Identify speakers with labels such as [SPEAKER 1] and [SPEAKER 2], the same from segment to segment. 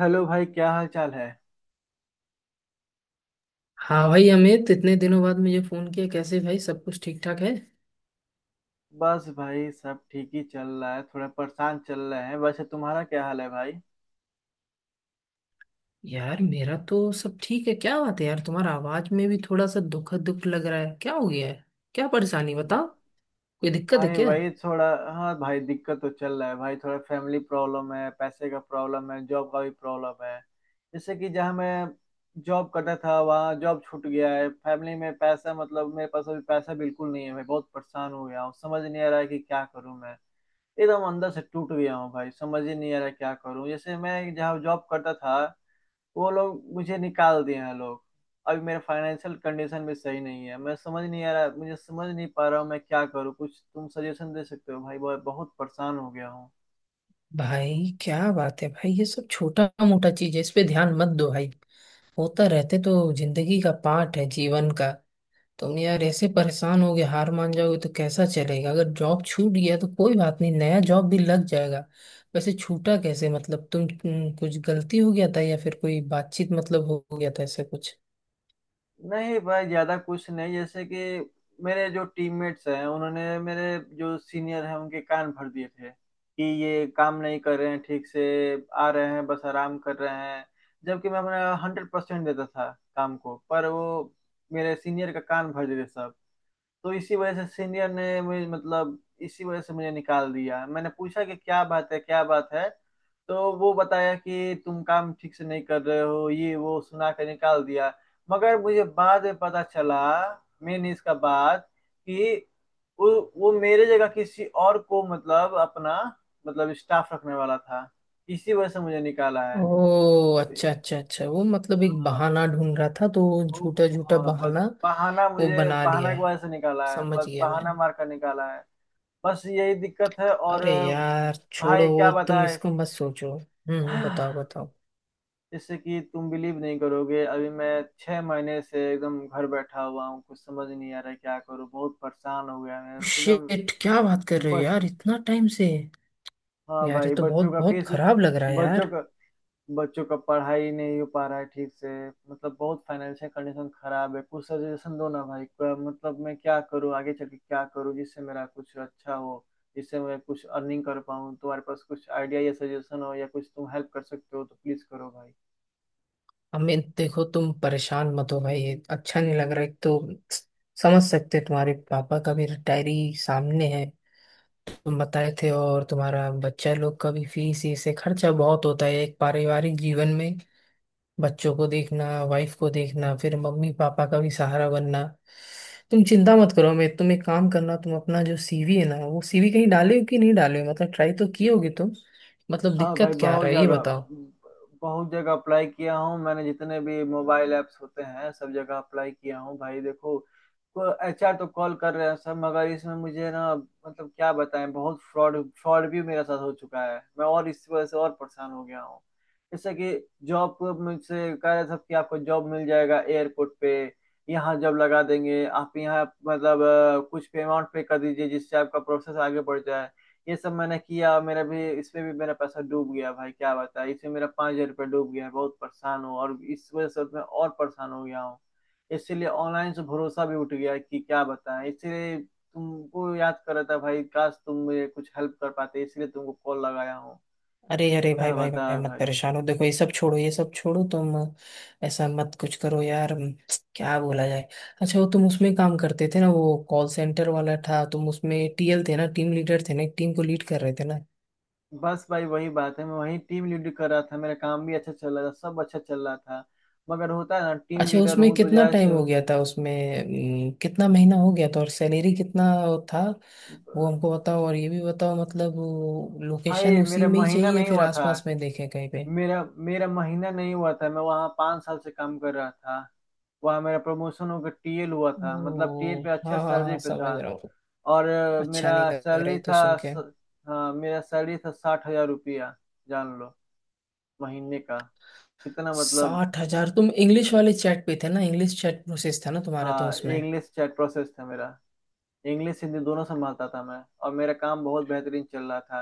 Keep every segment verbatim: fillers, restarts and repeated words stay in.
[SPEAKER 1] Hello भाई, क्या हाल चाल है।
[SPEAKER 2] हाँ भाई, अमित इतने दिनों बाद मुझे फोन किया कैसे भाई। सब कुछ ठीक ठाक है।
[SPEAKER 1] बस भाई, सब ठीक ही चल रहा है, थोड़ा परेशान चल रहे हैं। वैसे तुम्हारा क्या हाल है भाई?
[SPEAKER 2] यार मेरा तो सब ठीक है। क्या बात है यार, तुम्हारा आवाज में भी थोड़ा सा दुख दुख लग रहा है, क्या हो गया है। क्या परेशानी
[SPEAKER 1] ब-
[SPEAKER 2] बताओ। कोई दिक्कत है
[SPEAKER 1] भाई
[SPEAKER 2] क्या।
[SPEAKER 1] वही थोड़ा। हाँ भाई, दिक्कत तो चल रहा है भाई। थोड़ा फैमिली प्रॉब्लम है, पैसे का प्रॉब्लम है, जॉब का भी प्रॉब्लम है। जैसे कि जहाँ मैं जॉब करता था वहाँ जॉब छूट गया है। फैमिली में पैसा, मतलब मेरे पास अभी पैसा बिल्कुल नहीं है। मैं बहुत परेशान हो गया हूँ, समझ नहीं आ रहा है कि क्या करूँ मैं। एकदम अंदर से टूट गया हूँ भाई, समझ ही नहीं आ रहा क्या करूँ। जैसे मैं जहाँ जॉब करता था वो लोग मुझे निकाल दिए हैं लोग। अभी मेरा फाइनेंशियल कंडीशन भी सही नहीं है। मैं समझ नहीं आ रहा, मुझे समझ नहीं पा रहा हूँ मैं क्या करूँ। कुछ तुम सजेशन दे सकते हो भाई? बहुत बहुत परेशान हो गया हूँ।
[SPEAKER 2] भाई क्या बात है भाई, ये सब छोटा मोटा चीज है, इस पे ध्यान मत दो भाई। होता रहते तो जिंदगी का पार्ट है, जीवन का। तुम तो यार ऐसे परेशान होगे, हार मान जाओगे तो कैसा चलेगा। अगर जॉब छूट गया तो कोई बात नहीं, नया जॉब भी लग जाएगा। वैसे छूटा कैसे, मतलब तुम तुम- कुछ गलती हो गया था, या फिर कोई बातचीत मतलब हो हो गया था ऐसा कुछ।
[SPEAKER 1] नहीं भाई, ज्यादा कुछ नहीं। जैसे कि मेरे जो टीममेट्स हैं उन्होंने मेरे जो सीनियर हैं उनके कान भर दिए थे कि ये काम नहीं कर रहे हैं ठीक से, आ रहे हैं बस आराम कर रहे हैं। जबकि मैं अपना हंड्रेड परसेंट देता था काम को। पर वो मेरे सीनियर का कान भर देते सब। तो इसी वजह से सीनियर ने मुझे, मतलब इसी वजह से मुझे निकाल दिया। मैंने पूछा कि क्या बात है क्या बात है, तो वो बताया कि तुम काम ठीक से नहीं कर रहे हो, ये वो सुना के निकाल दिया। मगर मुझे बाद में पता चला मेन इसका बात, कि वो वो मेरे जगह किसी और को, मतलब अपना, मतलब स्टाफ रखने वाला था, इसी वजह से मुझे निकाला
[SPEAKER 2] ओ
[SPEAKER 1] है।
[SPEAKER 2] अच्छा अच्छा अच्छा, वो मतलब एक
[SPEAKER 1] हाँ।
[SPEAKER 2] बहाना ढूंढ रहा था तो वो
[SPEAKER 1] वो-
[SPEAKER 2] झूठा
[SPEAKER 1] वो-
[SPEAKER 2] झूठा
[SPEAKER 1] हाँ, बस
[SPEAKER 2] बहाना
[SPEAKER 1] बहाना,
[SPEAKER 2] वो
[SPEAKER 1] मुझे
[SPEAKER 2] बना
[SPEAKER 1] बहाना
[SPEAKER 2] लिया
[SPEAKER 1] की
[SPEAKER 2] है।
[SPEAKER 1] वजह से निकाला है,
[SPEAKER 2] समझ
[SPEAKER 1] बस
[SPEAKER 2] गया मैं।
[SPEAKER 1] बहाना मार कर निकाला है। बस यही दिक्कत है और।
[SPEAKER 2] अरे यार छोड़ो
[SPEAKER 1] भाई क्या
[SPEAKER 2] वो, तुम
[SPEAKER 1] बताए।
[SPEAKER 2] इसको मत सोचो। हम्म बताओ बताओ।
[SPEAKER 1] जैसे कि तुम बिलीव नहीं करोगे। अभी मैं छह महीने से एकदम घर बैठा हुआ हूँ, कुछ समझ नहीं आ रहा है क्या करूँ। बहुत परेशान हो गया मैं एकदम।
[SPEAKER 2] शिट, क्या बात कर रहे हो
[SPEAKER 1] बच
[SPEAKER 2] यार, इतना टाइम से।
[SPEAKER 1] हाँ
[SPEAKER 2] यार ये
[SPEAKER 1] भाई,
[SPEAKER 2] तो
[SPEAKER 1] बच्चों
[SPEAKER 2] बहुत
[SPEAKER 1] का
[SPEAKER 2] बहुत
[SPEAKER 1] फीस,
[SPEAKER 2] खराब लग रहा है
[SPEAKER 1] बच्चों
[SPEAKER 2] यार।
[SPEAKER 1] का बच्चों का पढ़ाई नहीं हो पा रहा है ठीक से। मतलब बहुत फाइनेंशियल कंडीशन खराब है। कुछ सजेशन दो ना भाई, क्या- मतलब मैं क्या करूँ, आगे चल के क्या करूँ जिससे मेरा कुछ अच्छा हो, जिससे मैं कुछ अर्निंग कर पाऊँ। तुम्हारे पास कुछ आइडिया या सजेशन हो या कुछ तुम हेल्प कर सकते हो तो प्लीज करो भाई।
[SPEAKER 2] अमित देखो, तुम परेशान मत हो भाई, ये अच्छा नहीं लग रहा है। एक तो समझ सकते हैं, तुम्हारे पापा का भी रिटायरी सामने है, तुम बताए थे। और तुम्हारा बच्चा लोग का भी फीस, इससे खर्चा बहुत होता है एक पारिवारिक जीवन में। बच्चों को देखना, वाइफ को देखना, फिर मम्मी पापा का भी सहारा बनना। तुम चिंता मत करो, मैं तुम एक काम करना, तुम अपना जो सी वी है ना, वो सीवी कहीं डाले हो कि नहीं डाले हो, मतलब ट्राई तो किए होगे तुम। मतलब
[SPEAKER 1] हाँ भाई,
[SPEAKER 2] दिक्कत क्या आ
[SPEAKER 1] बहुत
[SPEAKER 2] रहा है, ये
[SPEAKER 1] जगह
[SPEAKER 2] बताओ।
[SPEAKER 1] बहुत जगह अप्लाई किया हूँ मैंने। जितने भी मोबाइल ऐप्स होते हैं सब जगह अप्लाई किया हूँ भाई। देखो, एचआर तो कॉल कर रहे हैं सब, मगर इसमें मुझे ना मतलब क्या बताएं, बहुत फ्रॉड फ्रॉड भी मेरे साथ हो चुका है मैं, और इस वजह से और परेशान हो गया हूँ। जैसे कि जॉब को मुझसे कह रहे थे कि आपको जॉब मिल जाएगा एयरपोर्ट पे, यहाँ जॉब लगा देंगे। आप यहाँ, मतलब अ, कुछ पे अमाउंट पे कर दीजिए जिससे आपका प्रोसेस आगे बढ़ जाए। ये सब मैंने किया, मेरा भी इसमें भी मेरा पैसा डूब गया भाई, क्या बताएं, इसमें मेरा पाँच हजार रुपया डूब गया है। बहुत परेशान हूँ और इस वजह से मैं और परेशान हो गया हूँ। इसीलिए ऑनलाइन से भरोसा भी उठ गया है, कि क्या बताएं। इसीलिए तुमको याद कर रहा था भाई, काश तुम मुझे कुछ हेल्प कर पाते, इसलिए तुमको कॉल लगाया हूँ।
[SPEAKER 2] अरे अरे भाई
[SPEAKER 1] क्या
[SPEAKER 2] भाई भाई,
[SPEAKER 1] बताएं
[SPEAKER 2] मत
[SPEAKER 1] भाई।
[SPEAKER 2] परेशान हो, देखो ये सब छोड़ो, ये सब छोड़ो तुम। ऐसा मत कुछ करो यार। हम्म, क्या बोला जाए। अच्छा वो तुम उसमें काम करते थे ना, वो कॉल सेंटर वाला था, तुम उसमें टी एल थे ना, टीम लीडर थे ना, एक टीम को लीड कर रहे थे ना।
[SPEAKER 1] बस भाई वही बात है, मैं वही टीम लीड कर रहा था, मेरा काम भी अच्छा चल रहा था, सब अच्छा चल रहा था, मगर होता है ना टीम
[SPEAKER 2] अच्छा
[SPEAKER 1] लीडर
[SPEAKER 2] उसमें
[SPEAKER 1] हूँ तो
[SPEAKER 2] कितना टाइम
[SPEAKER 1] जैसे।
[SPEAKER 2] हो गया था, उसमें अम, कितना महीना हो गया था, और सैलरी कितना था, वो हमको बताओ। और ये भी बताओ, मतलब
[SPEAKER 1] भाई
[SPEAKER 2] लोकेशन उसी
[SPEAKER 1] मेरा
[SPEAKER 2] में ही
[SPEAKER 1] महीना
[SPEAKER 2] चाहिए,
[SPEAKER 1] नहीं
[SPEAKER 2] फिर
[SPEAKER 1] हुआ था
[SPEAKER 2] आसपास में देखें कहीं पे।
[SPEAKER 1] मेरा मेरा महीना नहीं हुआ था। मैं वहाँ पाँच साल से काम कर रहा था, वहाँ मेरा प्रमोशन होकर टीएल हुआ था। मतलब टीएल
[SPEAKER 2] ओ
[SPEAKER 1] पे अच्छा
[SPEAKER 2] हाँ हाँ
[SPEAKER 1] सैलरी
[SPEAKER 2] हाँ,
[SPEAKER 1] पे
[SPEAKER 2] समझ
[SPEAKER 1] था।
[SPEAKER 2] रहा हूँ।
[SPEAKER 1] और अ,
[SPEAKER 2] अच्छा नहीं
[SPEAKER 1] मेरा
[SPEAKER 2] लग रहा है
[SPEAKER 1] सैलरी
[SPEAKER 2] ये तो सुन
[SPEAKER 1] था, स,
[SPEAKER 2] के।
[SPEAKER 1] हाँ मेरा सैलरी था साठ हजार रुपया। जान लो, महीने का, कितना मतलब।
[SPEAKER 2] साठ हज़ार, तुम इंग्लिश वाले चैट पे थे ना, इंग्लिश चैट प्रोसेस था ना तुम्हारा तो
[SPEAKER 1] हाँ,
[SPEAKER 2] उसमें।
[SPEAKER 1] इंग्लिश चैट प्रोसेस था मेरा। इंग्लिश हिंदी दोनों संभालता था मैं, और मेरा काम बहुत बेहतरीन चल रहा था।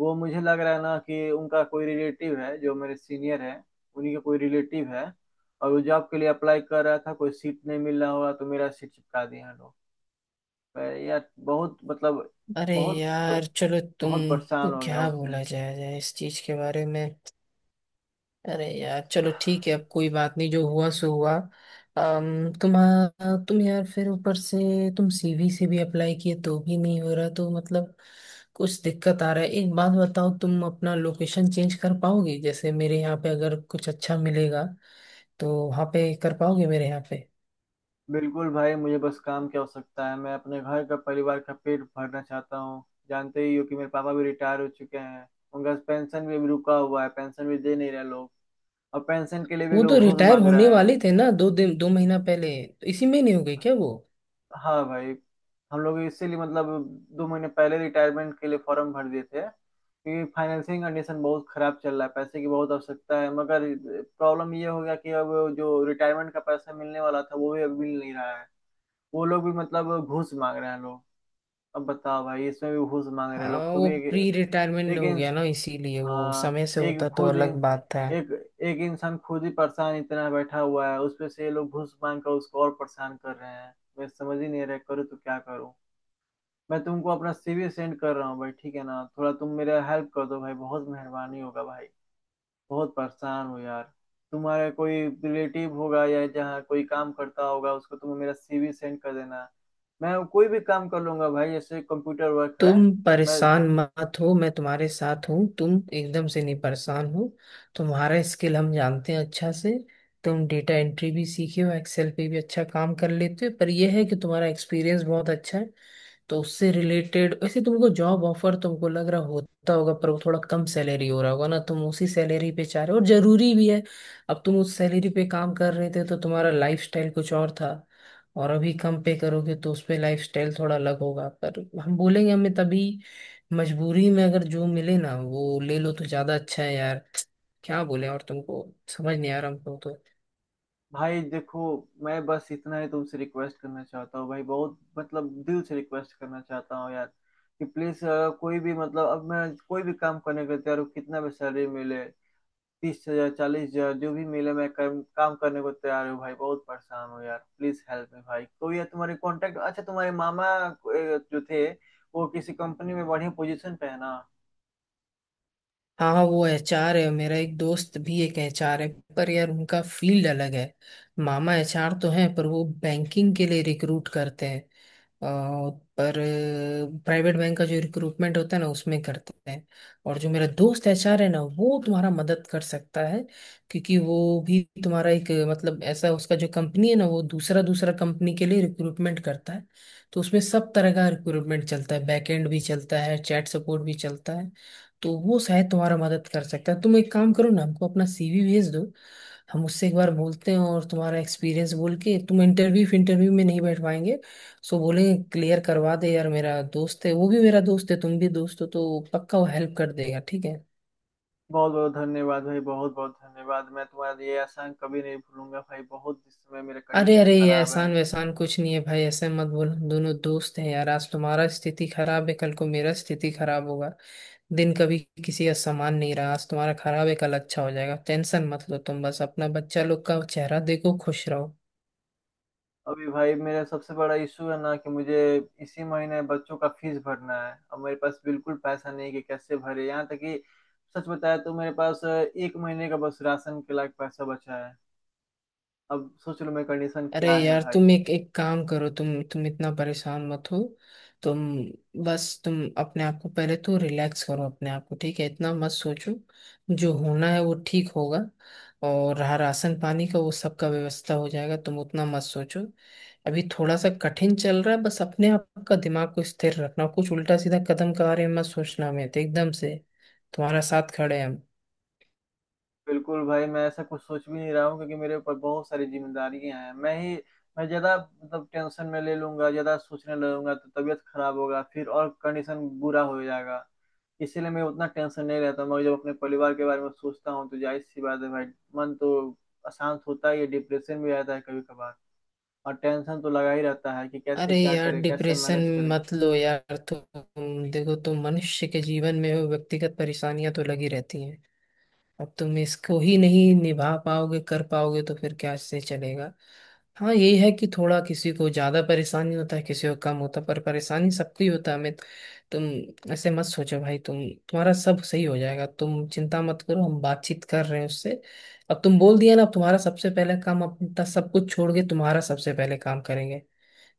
[SPEAKER 1] वो मुझे लग रहा है ना कि उनका कोई रिलेटिव है जो मेरे सीनियर है, उन्हीं का कोई रिलेटिव है, और वो जॉब के लिए अप्लाई कर रहा था, कोई सीट नहीं मिल रहा होगा तो मेरा सीट चिपका दिया लोग। मैं यार बहुत, मतलब
[SPEAKER 2] अरे
[SPEAKER 1] बहुत
[SPEAKER 2] यार चलो,
[SPEAKER 1] बहुत
[SPEAKER 2] तुमको
[SPEAKER 1] परेशान हो गया
[SPEAKER 2] क्या
[SPEAKER 1] उस दिन।
[SPEAKER 2] बोला जाए जाए इस चीज के बारे में। अरे यार चलो, ठीक है, अब कोई बात नहीं, जो हुआ सो हुआ। अम तुम तुम यार फिर ऊपर से तुम सी वी से भी अप्लाई किए तो भी नहीं हो रहा, तो मतलब कुछ दिक्कत आ रहा है। एक बात बताओ, तुम अपना लोकेशन चेंज कर पाओगे। जैसे मेरे यहाँ पे अगर कुछ अच्छा मिलेगा तो वहाँ पे कर पाओगे, मेरे यहाँ।
[SPEAKER 1] बिल्कुल भाई, मुझे बस काम की आवश्यकता है। मैं अपने घर का, परिवार का पेट भरना चाहता हूँ। जानते ही हो कि मेरे पापा भी रिटायर हो चुके हैं, उनका पेंशन भी अभी रुका हुआ है, पेंशन भी दे नहीं रहे लोग, और पेंशन के लिए भी
[SPEAKER 2] वो तो
[SPEAKER 1] लोग घूस
[SPEAKER 2] रिटायर
[SPEAKER 1] मांग
[SPEAKER 2] होने
[SPEAKER 1] रहे
[SPEAKER 2] वाले
[SPEAKER 1] हैं।
[SPEAKER 2] थे ना, दो दिन दो महीना पहले, तो इसी महीने हो गई क्या वो।
[SPEAKER 1] हाँ भाई, हम लोग इसीलिए, मतलब दो महीने पहले रिटायरमेंट के लिए फॉर्म भर दिए थे, क्योंकि फाइनेंसिंग कंडीशन बहुत खराब चल रहा है, पैसे की बहुत आवश्यकता है। मगर प्रॉब्लम ये हो गया कि अब जो रिटायरमेंट का पैसा मिलने वाला था वो भी अब मिल नहीं रहा है, वो लोग भी मतलब घूस मांग रहे हैं लोग। अब बताओ भाई, इसमें भी घूस मांग रहे हैं लोग
[SPEAKER 2] हाँ
[SPEAKER 1] खूब।
[SPEAKER 2] वो
[SPEAKER 1] एक,
[SPEAKER 2] प्री रिटायरमेंट
[SPEAKER 1] एक
[SPEAKER 2] हो गया ना, इसीलिए, वो
[SPEAKER 1] हाँ,
[SPEAKER 2] समय से
[SPEAKER 1] एक
[SPEAKER 2] होता तो
[SPEAKER 1] खुद
[SPEAKER 2] अलग बात था।
[SPEAKER 1] एक एक इंसान खुद ही परेशान इतना बैठा हुआ है, उसपे से ये लोग घूस मांग कर उसको और परेशान कर रहे हैं। मैं समझ ही नहीं रहा करूँ तो क्या करूँ। मैं तुमको अपना सीवी सेंड कर रहा हूँ भाई, ठीक है ना? थोड़ा तुम मेरा हेल्प कर दो भाई, बहुत मेहरबानी होगा भाई। बहुत परेशान हूँ यार। तुम्हारा कोई रिलेटिव होगा या जहाँ कोई काम करता होगा उसको तुम मेरा सीवी सेंड कर देना। मैं कोई भी काम कर लूंगा भाई, जैसे कंप्यूटर वर्क है।
[SPEAKER 2] तुम
[SPEAKER 1] मैं
[SPEAKER 2] परेशान मत हो, मैं तुम्हारे साथ हूँ, तुम एकदम से नहीं परेशान हो। तुम्हारा स्किल हम जानते हैं अच्छा से। तुम डेटा एंट्री भी सीखे हो, एक्सेल पे भी अच्छा काम कर लेते हो, पर यह है कि तुम्हारा एक्सपीरियंस बहुत अच्छा है। तो उससे रिलेटेड वैसे तुमको जॉब ऑफर तुमको लग रहा होता होगा, पर वो थोड़ा कम सैलरी हो रहा होगा ना, तुम उसी सैलरी पे चाह रहे हो, और जरूरी भी है। अब तुम उस सैलरी पे काम कर रहे थे तो तुम्हारा लाइफस्टाइल कुछ और था, और अभी कम पे करोगे तो उस पे लाइफ स्टाइल थोड़ा अलग होगा, पर हम बोलेंगे हमें तभी, मजबूरी में अगर जो मिले ना वो ले लो तो ज्यादा अच्छा है यार। क्या बोले और तुमको, समझ नहीं आ रहा हमको तो।
[SPEAKER 1] भाई देखो, मैं बस इतना ही तुमसे रिक्वेस्ट करना चाहता हूँ भाई, बहुत मतलब दिल से रिक्वेस्ट करना चाहता हूँ यार, कि प्लीज कोई भी मतलब अब मैं कोई भी काम करने को तैयार हूँ। कितना भी सैलरी मिले, तीस हजार, चालीस हजार, जो भी मिले मैं कर, काम करने को तैयार हूँ भाई। बहुत परेशान हूँ यार, प्लीज हेल्प मी भाई। कोई है तुम्हारे कांटेक्ट, अच्छा तुम्हारे मामा अ, जो थे, वो किसी कंपनी में बढ़िया पोजीशन पे है ना?
[SPEAKER 2] हाँ वो एच आर है, मेरा एक दोस्त भी एक एच आर है, पर यार उनका फील्ड अलग है। मामा एच आर तो हैं, पर वो बैंकिंग के लिए रिक्रूट करते हैं। अ, पर प्राइवेट बैंक का जो रिक्रूटमेंट होता है ना, उसमें करते हैं। और जो मेरा दोस्त एच आर है ना, वो तुम्हारा मदद कर सकता है, क्योंकि वो भी तुम्हारा एक मतलब ऐसा, उसका जो कंपनी है ना, वो दूसरा दूसरा कंपनी के लिए रिक्रूटमेंट करता है। तो उसमें सब तरह का रिक्रूटमेंट चलता है, बैकएंड भी चलता है, चैट सपोर्ट भी चलता है। तो वो शायद तुम्हारा मदद कर सकता है। तुम एक काम करो ना, हमको अपना सी वी भेज दो, हम उससे एक बार बोलते हैं, और तुम्हारा एक्सपीरियंस बोल के, तुम इंटरव्यू इंटरव्यू में नहीं बैठ पाएंगे सो बोलेंगे क्लियर करवा दे यार, मेरा दोस्त है, वो भी मेरा दोस्त है, तुम भी दोस्त हो, तो पक्का वो हेल्प कर देगा, ठीक है।
[SPEAKER 1] बहुत बहुत धन्यवाद भाई, बहुत बहुत धन्यवाद। मैं तुम्हारा ये एहसान कभी नहीं भूलूंगा भाई, बहुत इस समय मेरा
[SPEAKER 2] अरे
[SPEAKER 1] कंडीशन
[SPEAKER 2] अरे, ये
[SPEAKER 1] खराब है।
[SPEAKER 2] एहसान वैसान कुछ नहीं है भाई, ऐसे मत बोलो, हम दोनों दोस्त हैं यार। आज तुम्हारा स्थिति खराब है, कल को मेरा स्थिति खराब होगा। दिन कभी किसी का समान नहीं रहा, आज तुम्हारा खराब है कल अच्छा हो जाएगा। टेंशन मत लो, तुम बस अपना बच्चा लोग का चेहरा देखो, खुश रहो।
[SPEAKER 1] अभी भाई मेरा सबसे बड़ा इशू है ना कि मुझे इसी महीने बच्चों का फीस भरना है, अब मेरे पास बिल्कुल पैसा नहीं कि कैसे भरे, यहाँ तक कि सच बताया तो मेरे पास अ, एक महीने का बस राशन के लायक पैसा बचा है। अब सोच लो मेरी कंडीशन
[SPEAKER 2] अरे
[SPEAKER 1] क्या है
[SPEAKER 2] यार
[SPEAKER 1] भाई।
[SPEAKER 2] तुम एक एक काम करो, तुम तुम इतना परेशान मत हो। तुम बस, तुम अपने आप को पहले तो रिलैक्स करो, अपने आप को ठीक है, इतना मत सोचो, जो होना है वो ठीक होगा। और रहा राशन पानी का, वो सबका व्यवस्था हो जाएगा, तुम उतना मत सोचो। अभी थोड़ा सा कठिन चल रहा है, बस अपने आप का दिमाग को स्थिर रखना, कुछ उल्टा सीधा कदम के बारे में मत सोचना, हमें तो एकदम से तुम्हारा साथ खड़े हैं हम।
[SPEAKER 1] बिल्कुल भाई, मैं ऐसा कुछ सोच भी नहीं रहा हूँ, क्योंकि मेरे ऊपर बहुत सारी जिम्मेदारियां हैं। मैं ही, मैं ज्यादा मतलब टेंशन में ले लूंगा, ज्यादा सोचने लगूंगा तो तबीयत खराब होगा, फिर और कंडीशन बुरा हो जाएगा। इसीलिए मैं उतना टेंशन नहीं रहता। मैं जब अपने परिवार के बारे में सोचता हूँ तो जाहिर सी बात है भाई, मन तो अशांत होता ही है, डिप्रेशन भी आता है कभी कभार, और टेंशन तो लगा ही रहता है कि कैसे
[SPEAKER 2] अरे
[SPEAKER 1] क्या
[SPEAKER 2] यार,
[SPEAKER 1] करे, कैसे
[SPEAKER 2] डिप्रेशन
[SPEAKER 1] मैनेज करे।
[SPEAKER 2] मत लो यार, तुम देखो, तुम मनुष्य के जीवन में हो, व्यक्तिगत परेशानियां तो लगी रहती हैं। अब तुम इसको ही नहीं निभा पाओगे, कर पाओगे, तो फिर क्या से चलेगा। हाँ यही है कि थोड़ा किसी को ज्यादा परेशानी होता है, किसी को कम होता है, पर परेशानी सबको ही होता है। मैं, तुम ऐसे मत सोचो भाई, तुम तुम्हारा सब सही हो जाएगा, तुम चिंता मत करो, हम बातचीत कर रहे हैं उससे। अब तुम बोल दिया ना, अब तुम्हारा सबसे पहले काम, अपना सब कुछ छोड़ के तुम्हारा सबसे पहले काम करेंगे।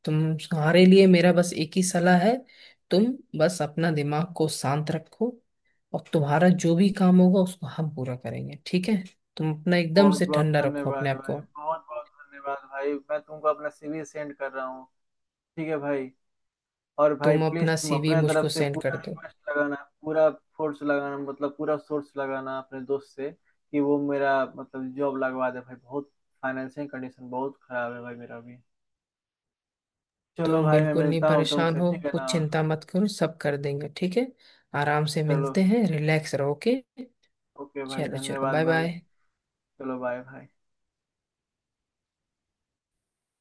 [SPEAKER 2] तुम्हारे लिए मेरा बस एक ही सलाह है, तुम बस अपना दिमाग को शांत रखो, और तुम्हारा जो भी काम होगा उसको हम पूरा करेंगे, ठीक है। तुम अपना एकदम
[SPEAKER 1] बहुत
[SPEAKER 2] से
[SPEAKER 1] बहुत
[SPEAKER 2] ठंडा रखो अपने
[SPEAKER 1] धन्यवाद
[SPEAKER 2] आप
[SPEAKER 1] भाई,
[SPEAKER 2] को।
[SPEAKER 1] बहुत बहुत धन्यवाद भाई, मैं तुमको अपना सीवी सेंड कर रहा हूँ। ठीक है भाई। और भाई
[SPEAKER 2] तुम
[SPEAKER 1] प्लीज
[SPEAKER 2] अपना
[SPEAKER 1] तुम
[SPEAKER 2] सीवी
[SPEAKER 1] अपने तरफ
[SPEAKER 2] मुझको
[SPEAKER 1] से
[SPEAKER 2] सेंड कर
[SPEAKER 1] पूरा
[SPEAKER 2] दो।
[SPEAKER 1] रिक्वेस्ट लगाना, पूरा फोर्स लगाना, मतलब पूरा सोर्स लगाना अपने दोस्त से कि वो मेरा मतलब जॉब लगवा दे भाई। बहुत फाइनेंशियल कंडीशन बहुत खराब है भाई मेरा भी। चलो
[SPEAKER 2] तुम
[SPEAKER 1] भाई, मैं
[SPEAKER 2] बिल्कुल नहीं
[SPEAKER 1] मिलता हूँ
[SPEAKER 2] परेशान
[SPEAKER 1] तुमसे,
[SPEAKER 2] हो,
[SPEAKER 1] ठीक है ना?
[SPEAKER 2] कुछ चिंता मत करो, सब कर देंगे ठीक है। आराम से
[SPEAKER 1] चलो,
[SPEAKER 2] मिलते हैं, रिलैक्स रहो के।
[SPEAKER 1] ओके भाई,
[SPEAKER 2] चलो चलो,
[SPEAKER 1] धन्यवाद
[SPEAKER 2] बाय
[SPEAKER 1] भाई।
[SPEAKER 2] बाय।
[SPEAKER 1] चलो बाय भाई।